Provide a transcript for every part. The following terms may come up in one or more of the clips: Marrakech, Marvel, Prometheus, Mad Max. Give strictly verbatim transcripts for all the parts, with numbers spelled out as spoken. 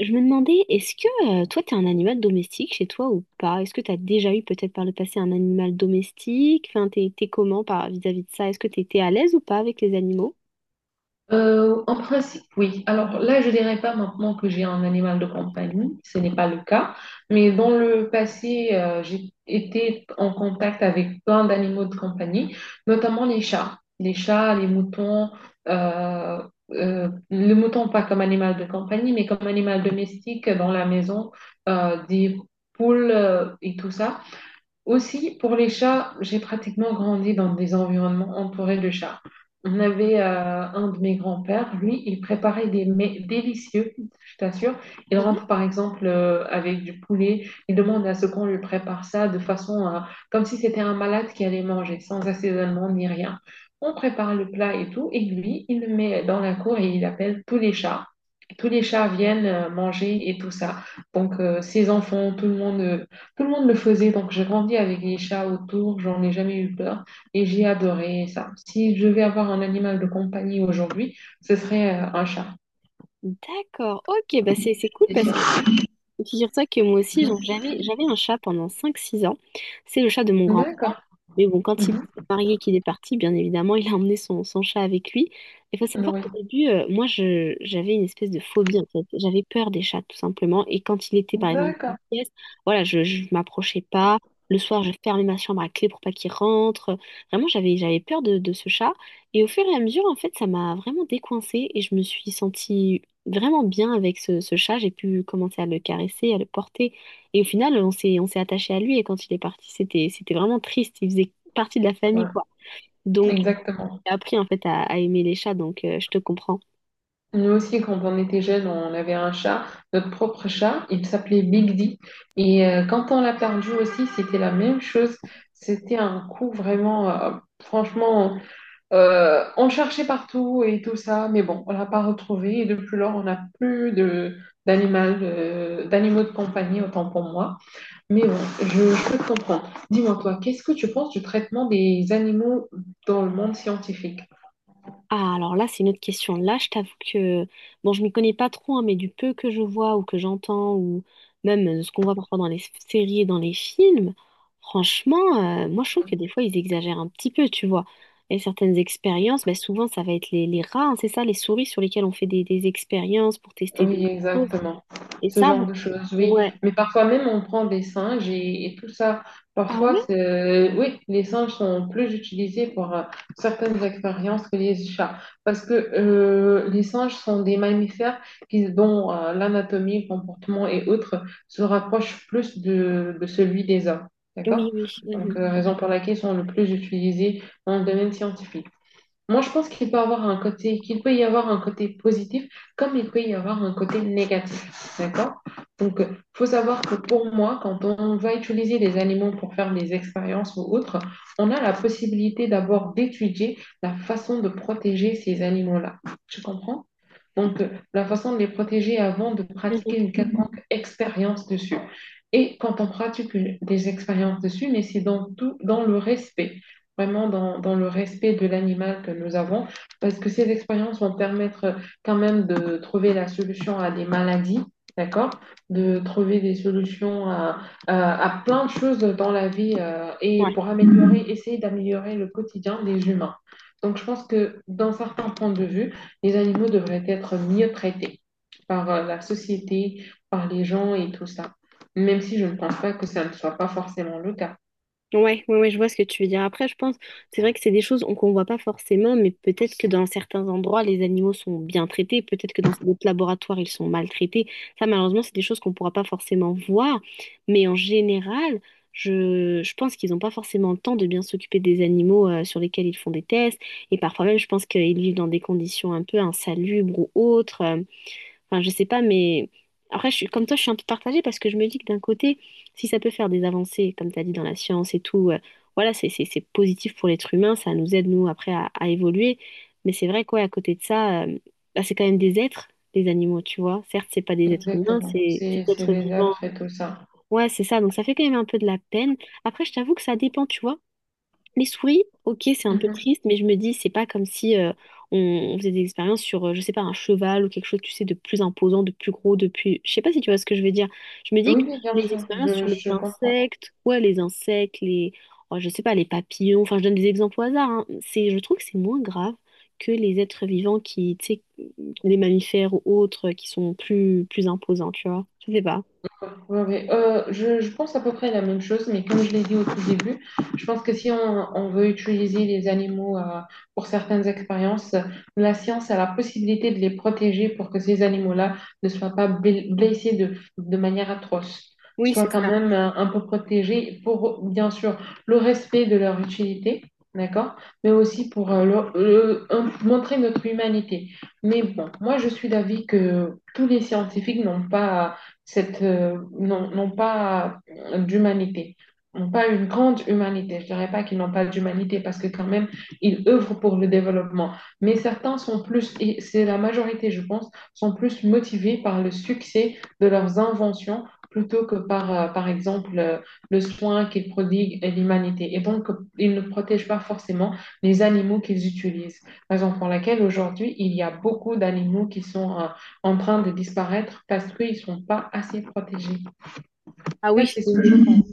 Je me demandais, est-ce que euh, toi, t'es un animal domestique chez toi ou pas? Est-ce que t'as déjà eu peut-être par le passé un animal domestique? Enfin, t'es, t'es comment par, vis-à-vis de ça? Est-ce que t'étais à l'aise ou pas avec les animaux? Euh, en principe, oui. Alors là, je dirais pas maintenant que j'ai un animal de compagnie, ce n'est pas le cas. Mais dans le passé, euh, j'ai été en contact avec plein d'animaux de compagnie, notamment les chats. Les chats, les moutons, euh, euh, le mouton pas comme animal de compagnie, mais comme animal domestique dans la maison, euh, des poules euh, et tout ça. Aussi, pour les chats, j'ai pratiquement grandi dans des environnements entourés de chats. On avait euh, un de mes grands-pères, lui, il préparait des mets délicieux, je t'assure. Il Mhm. rentre par exemple euh, avec du poulet, il demande à ce qu'on lui prépare ça de façon euh, comme si c'était un malade qui allait manger, sans assaisonnement ni rien. On prépare le plat et tout, et lui, il le met dans la cour et il appelle tous les chats. Tous les chats viennent euh, manger et tout ça. Donc, euh, ses enfants, tout le monde. Euh, tout le monde le faisait, donc j'ai grandi avec les chats autour, j'en ai jamais eu peur et j'ai adoré ça. Si je devais avoir un animal de compagnie aujourd'hui, ce serait euh, un chat, D'accord, ok, bah c'est c'est cool c'est parce sûr. Figure-toi que moi aussi, Mhm. genre, j'avais, j'avais un chat pendant cinq six ans. C'est le chat de mon grand frère. D'accord. Mais bon, quand il Mhm. s'est marié, qu'il est parti, bien évidemment, il a emmené son, son chat avec lui. Il faut savoir Oui, qu'au début, euh, moi, je, j'avais une espèce de phobie, en fait. J'avais peur des chats, tout simplement. Et quand il était, par exemple, dans d'accord. une pièce, voilà, je ne m'approchais pas. Le soir, je fermais ma chambre à clé pour pas qu'il rentre. Vraiment, j'avais, j'avais peur de, de ce chat. Et au fur et à mesure, en fait, ça m'a vraiment décoincée et je me suis sentie vraiment bien avec ce, ce chat. J'ai pu commencer à le caresser, à le porter. Et au final, on s'est, on s'est attaché à lui. Et quand il est parti, c'était, c'était vraiment triste. Il faisait partie de la famille, Ouais, quoi. Donc, exactement. j'ai appris en fait à, à aimer les chats. Donc, euh, je te comprends. Nous aussi, quand on était jeunes, on avait un chat, notre propre chat, il s'appelait Big D. Et euh, quand on l'a perdu aussi, c'était la même chose. C'était un coup vraiment, euh, franchement, Euh, on cherchait partout et tout ça, mais bon, on l'a pas retrouvé. Et depuis lors, on n'a plus de d'animal, euh, d'animaux de compagnie, autant pour moi. Mais bon, je, je peux te comprendre. Dis-moi, toi, qu'est-ce que tu penses du traitement des animaux dans le monde scientifique? Ah, alors là, c'est une autre question. Là, je t'avoue que, bon, je m'y connais pas trop, hein, mais du peu que je vois ou que j'entends, ou même euh, ce qu'on voit parfois dans les f- séries et dans les films, franchement, euh, moi, je trouve que des fois, ils exagèrent un petit peu, tu vois. Et certaines expériences, ben, souvent, ça va être les, les rats, hein, c'est ça, les souris sur lesquelles on fait des, des expériences pour tester Oui, des, des choses. exactement. Et Ce ça, genre moi- de choses, oui. ouais. Mais parfois même, on prend des singes et, et tout ça. Ah Parfois, oui? c'est- euh, oui, les singes sont plus utilisés pour euh, certaines expériences que les chats. Parce que euh, les singes sont des mammifères qui, dont euh, l'anatomie, le comportement et autres se rapprochent plus de, de celui des hommes. D'accord? Oui, oui. Donc, Mhm. euh, raison pour laquelle ils sont le plus utilisés dans le domaine scientifique. Moi, je pense qu'il peut avoir un côté, qu'il peut y avoir un côté positif comme il peut y avoir un côté négatif. D'accord? Donc, il faut savoir que pour moi, quand on va utiliser des animaux pour faire des expériences ou autres, on a la possibilité d'abord d'étudier la façon de protéger ces animaux-là. Tu comprends? Donc, euh, la façon de les protéger avant de Mhm. pratiquer une quelconque expérience dessus. Et quand on pratique une- des expériences dessus, mais c'est dans tout, dans le respect vraiment dans, dans le respect de l'animal que nous avons, parce que ces expériences vont permettre quand même de trouver la solution à des maladies, d'accord? De trouver des solutions à, à, à plein de choses dans la vie euh, et Ouais. pour améliorer, essayer d'améliorer le quotidien des humains. Donc, je pense que dans certains points de vue, les animaux devraient être mieux traités par euh, la société, par les gens et tout ça, même si je ne pense pas que ça ne soit pas forcément le cas. Ouais, ouais, ouais, je vois ce que tu veux dire. Après, je pense, c'est vrai que c'est des choses on- qu'on voit pas forcément, mais peut-être que dans certains endroits, les animaux sont bien traités, peut-être que dans d'autres laboratoires, ils sont maltraités. Ça, malheureusement, c'est des choses qu'on pourra pas forcément voir, mais en général, je, je pense qu'ils n'ont pas forcément le temps de bien s'occuper des animaux euh, sur lesquels ils font des tests, et parfois même, je pense qu'ils vivent dans des conditions un peu insalubres ou autres. euh, Enfin, je sais pas, mais après, je suis, comme toi, je suis un peu partagée parce que je me dis que d'un côté, si ça peut faire des avancées, comme tu as dit, dans la science et tout, euh, voilà, c'est c'est- c'est positif pour l'être humain, ça nous aide, nous, après, à, à évoluer. Mais c'est vrai quoi, à côté de ça, euh, bah, c'est quand même des êtres, les animaux, tu vois. Certes, c'est pas des êtres humains, Exactement. c'est c'est C'est des c'est êtres les vivants. faisable, faites tout ça. Ouais, c'est ça, donc ça fait quand même un peu de la peine. Après, je t'avoue que ça dépend, tu vois. Les souris, ok, c'est un peu Mhm. triste, mais je me dis, c'est pas comme si euh, on, on faisait des expériences sur, euh, je sais pas, un cheval ou quelque chose, tu sais, de plus imposant, de plus gros, de plus... Je sais pas si tu vois ce que je veux dire. Je me dis Oui, que oui, bien les sûr, expériences je, sur les je comprends. insectes, ouais, les insectes, les... oh, je sais pas, les papillons, enfin, je donne des exemples au hasard, hein. C'est, je trouve que c'est moins grave que les êtres vivants qui, tu sais, les mammifères ou autres, qui sont plus, plus imposants, tu vois. Je sais pas. Ouais, ouais. Euh, je, je pense à peu près la même chose, mais comme je l'ai dit au tout début, je pense que si on, on veut utiliser les animaux euh, pour certaines expériences, la science a la possibilité de les protéger pour que ces animaux-là ne soient pas bl- blessés de, de manière atroce, Oui, soient c'est quand ça. même euh, un peu protégés pour, bien sûr, le respect de leur utilité, d'accord, mais aussi pour euh, leur- euh, un- montrer notre humanité. Mais bon, moi je suis d'avis que tous les scientifiques n'ont pas cette, euh, non, n'ont pas d'humanité, n'ont pas une grande humanité. Je ne dirais pas qu'ils n'ont pas d'humanité parce que quand même, ils œuvrent pour le développement. Mais certains sont plus, et c'est la majorité, je pense, sont plus motivés par le succès de leurs inventions plutôt que par, euh, par exemple, euh, le soin qu'ils prodiguent à l'humanité. Et donc, ils ne protègent pas forcément les animaux qu'ils utilisent. Raison pour laquelle aujourd'hui, il y a beaucoup d'animaux qui sont euh, en train de disparaître parce qu'ils ne sont pas assez protégés. En tout Ah cas, oui, c'est ce que je oui. pense.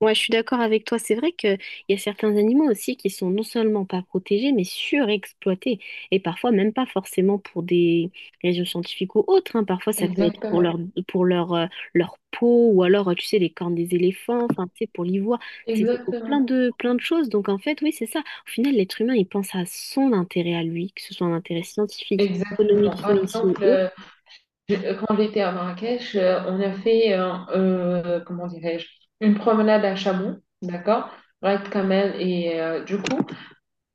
Ouais, je suis d'accord avec toi. C'est vrai qu'il y a certains animaux aussi qui sont non seulement pas protégés, mais surexploités. Et parfois, même pas forcément pour des raisons scientifiques ou autres, hein. Parfois, ça peut être pour Exactement. leur, pour leur, euh, leur peau ou alors, euh, tu sais, les cornes des éléphants, enfin, tu sais, pour l'ivoire. C'est pour plein Exactement. de, plein de choses. Donc, en fait, oui, c'est ça. Au final, l'être humain, il pense à son intérêt à lui, que ce soit un intérêt scientifique, économique, Exactement. Par financier ou exemple, euh, autre. je- quand j'étais à Marrakech, euh, on a fait, euh, euh, comment dirais-je, une promenade à chameau, d'accord? Raid Camel et euh, du coup,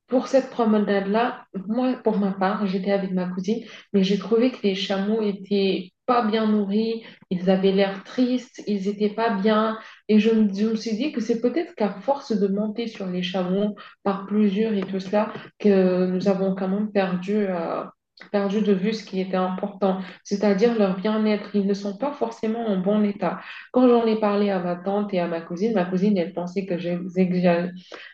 pour cette promenade-là, moi, pour ma part, j'étais avec ma cousine, mais j'ai trouvé que les chameaux étaient pas bien nourris, ils avaient l'air tristes, ils étaient pas bien. Et je, me- je me suis dit que c'est peut-être qu'à force de monter sur les chameaux par plusieurs et tout cela, que nous avons quand même perdu, euh, perdu de vue ce qui était important, c'est-à-dire leur bien-être. Ils ne sont pas forcément en bon état. Quand j'en ai parlé à ma tante et à ma cousine, ma cousine, elle pensait que j'exagérais.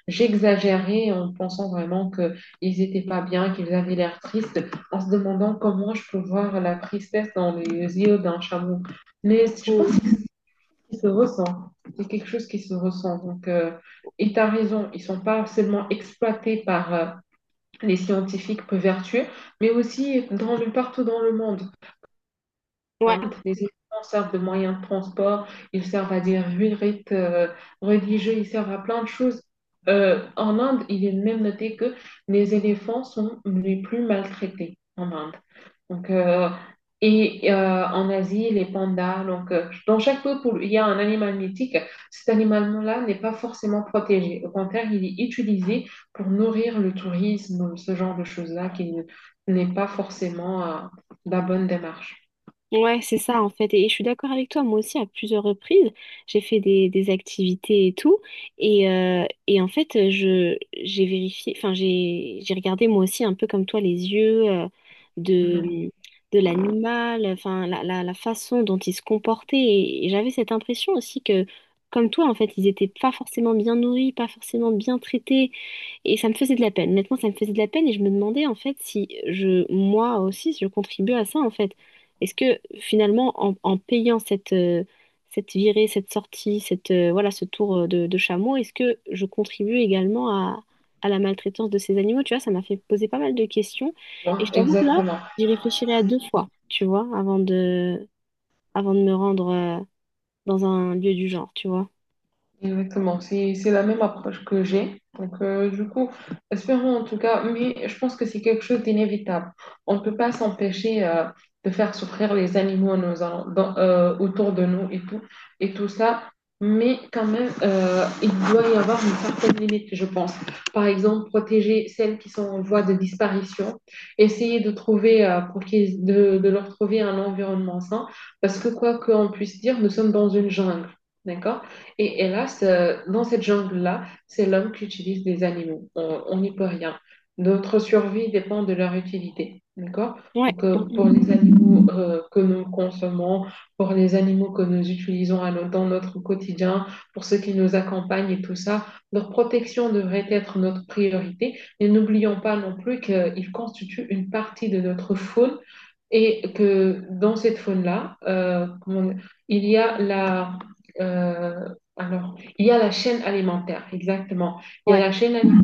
J'exagérais en pensant vraiment qu'ils n'étaient pas bien, qu'ils avaient l'air tristes, en se demandant comment je peux voir la tristesse dans les yeux d'un chameau. Mais je pense Mm. que ça se ressent. C'est quelque chose qui se ressent. Donc, euh, et tu as raison, ils ne sont pas seulement exploités par euh, les scientifiques peu vertueux, mais aussi dans le, partout dans le monde. Ouais. Les étudiants servent de moyens de transport, ils servent à des rites euh, religieux, ils servent à plein de choses. Euh, en Inde, il est même noté que les éléphants sont les plus maltraités en Inde. Donc, euh, et euh, en Asie, les pandas. Donc, euh, dans chaque peuple, il y a un animal mythique. Cet animal-là n'est pas forcément protégé. Au contraire, il est utilisé pour nourrir le tourisme, ce genre de choses-là qui n- n'est pas forcément euh, la bonne démarche. Ouais, c'est ça en fait. Et je suis d'accord avec toi, moi aussi, à plusieurs reprises, j'ai fait des, des activités et tout. Et, euh, et en fait, euh, je, j'ai vérifié, enfin, j'ai, j'ai regardé moi aussi un peu comme toi les yeux euh, Mhm. de, de l'animal, enfin, la, la, la façon dont il se comportait. Et, et j'avais cette impression aussi que, comme toi, en fait, ils étaient pas forcément bien nourris, pas forcément bien traités. Et ça me faisait de la peine. Honnêtement, ça me faisait de la peine et je me demandais en fait si je, moi aussi, si je contribue à ça en fait. Est-ce que finalement, en, en payant cette, euh, cette virée, cette sortie, cette, euh, voilà, ce tour euh, de, de chameau, est-ce que je contribue également à, à la maltraitance de ces animaux? Tu vois, ça m'a fait poser pas mal de questions et Hein, je t'avoue que là, exactement. j'y réfléchirai à deux fois, tu vois, avant de, avant de me rendre euh, dans un lieu du genre, tu vois. Exactement, c'est c'est la même approche que j'ai. Donc, euh, du coup, espérons en tout cas, mais je pense que c'est quelque chose d'inévitable. On ne peut pas s'empêcher euh, de faire souffrir les animaux nous allons- dans- euh, autour de nous et tout, et tout ça, mais quand même, euh, il doit y avoir une certaine limite, je pense. Par exemple, protéger celles qui sont en voie de disparition, essayer de trouver, euh, pour qu'ils, de, de leur trouver un environnement sain, parce que quoi qu'on puisse dire, nous sommes dans une jungle, d'accord? Et, et là, ce- dans cette jungle-là, c'est l'homme qui utilise des animaux. Euh, on n'y peut rien. Notre survie dépend de leur utilité. D'accord? Ouais, Donc, mm, euh, mm, pour les animaux euh, que nous consommons, pour les animaux que nous utilisons à no- dans notre quotidien, pour ceux qui nous accompagnent et tout ça, leur protection devrait être notre priorité. Et n'oublions pas non plus qu'ils constituent une partie de notre faune et que dans cette faune-là, euh, comment- il y a la, euh, alors, il y a la chaîne alimentaire, exactement. Il y a ouais. la chaîne alimentaire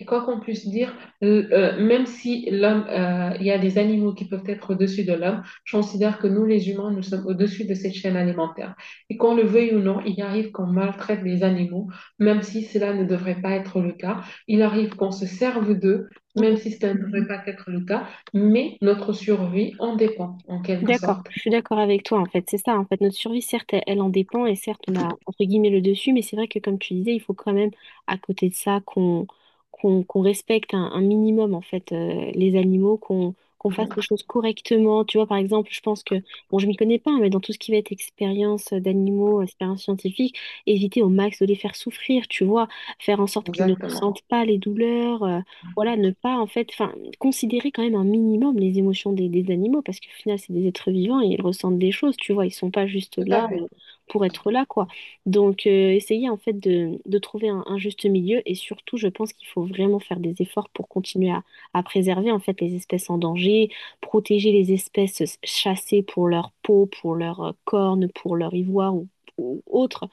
et quoi qu'on puisse dire, euh, euh, même si l'homme, euh, il y a des animaux qui peuvent être au-dessus de l'homme, je considère que nous, les humains, nous sommes au-dessus de cette chaîne alimentaire. Et qu'on le veuille ou non, il arrive qu'on maltraite les animaux, même si cela ne devrait pas être le cas. Il arrive qu'on se serve d'eux, même si cela ne devrait pas être le cas. Mais notre survie en dépend, en Je suis quelque D'accord, sorte. je suis d'accord avec toi en fait, c'est ça en fait, notre survie, certes, elle, elle en dépend, et certes on a entre guillemets le dessus, mais c'est vrai que comme tu disais, il faut quand même, à côté de ça, qu'on qu'on qu'on respecte un, un minimum en fait, euh, les animaux, qu'on qu'on fasse les Mhm. choses correctement, tu vois. Par exemple, je pense que, bon, je m'y connais pas, mais dans tout ce qui va être expérience d'animaux, expérience scientifique, éviter au max de les faire souffrir, tu vois, faire en sorte qu'ils ne Exactement. ressentent pas les douleurs, euh, voilà, ne pas en fait, enfin, considérer quand même un minimum les émotions des, des animaux, parce qu'au final, c'est des êtres vivants et ils ressentent des choses, tu vois, ils sont pas juste Tout à là fait. euh, pour être là, quoi. Donc, euh, essayer en fait de, de trouver un, un juste milieu, et surtout, je pense qu'il faut vraiment faire des efforts pour continuer à, à préserver en fait les espèces en danger, protéger les espèces chassées pour leur peau, pour leurs euh, cornes, pour leur ivoire ou, ou autre.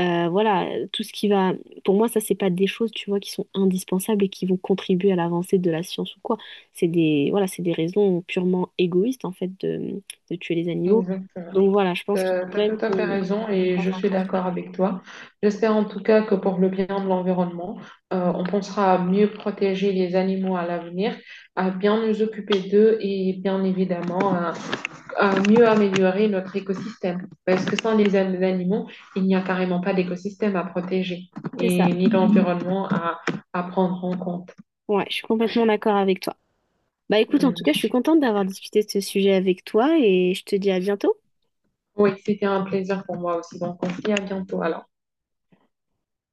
Euh, voilà, tout ce qui va pour moi, ça, c'est pas des choses, tu vois, qui sont indispensables et qui vont contribuer à l'avancée de la science ou quoi. C'est des, voilà, c'est des raisons purement égoïstes, en fait, de, de tuer les animaux. Exactement. Donc voilà, je pense qu'il T'as, faut quand T'as même tout à fait qu'on raison et fasse je suis attention. d'accord avec toi. J'espère en tout cas que pour le bien de l'environnement, euh, on pensera à mieux protéger les animaux à l'avenir, à bien nous occuper d'eux et bien évidemment à, à mieux améliorer notre écosystème. Parce que sans les an- animaux, il n'y a carrément pas d'écosystème à protéger C'est ça. et ni d'environnement à, à prendre en compte. Ouais, je suis complètement d'accord avec toi. Bah écoute, en tout Hum. cas, je suis contente d'avoir discuté de ce sujet avec toi et je te dis à bientôt. Oui, c'était un plaisir pour moi aussi. Donc on se dit à bientôt alors.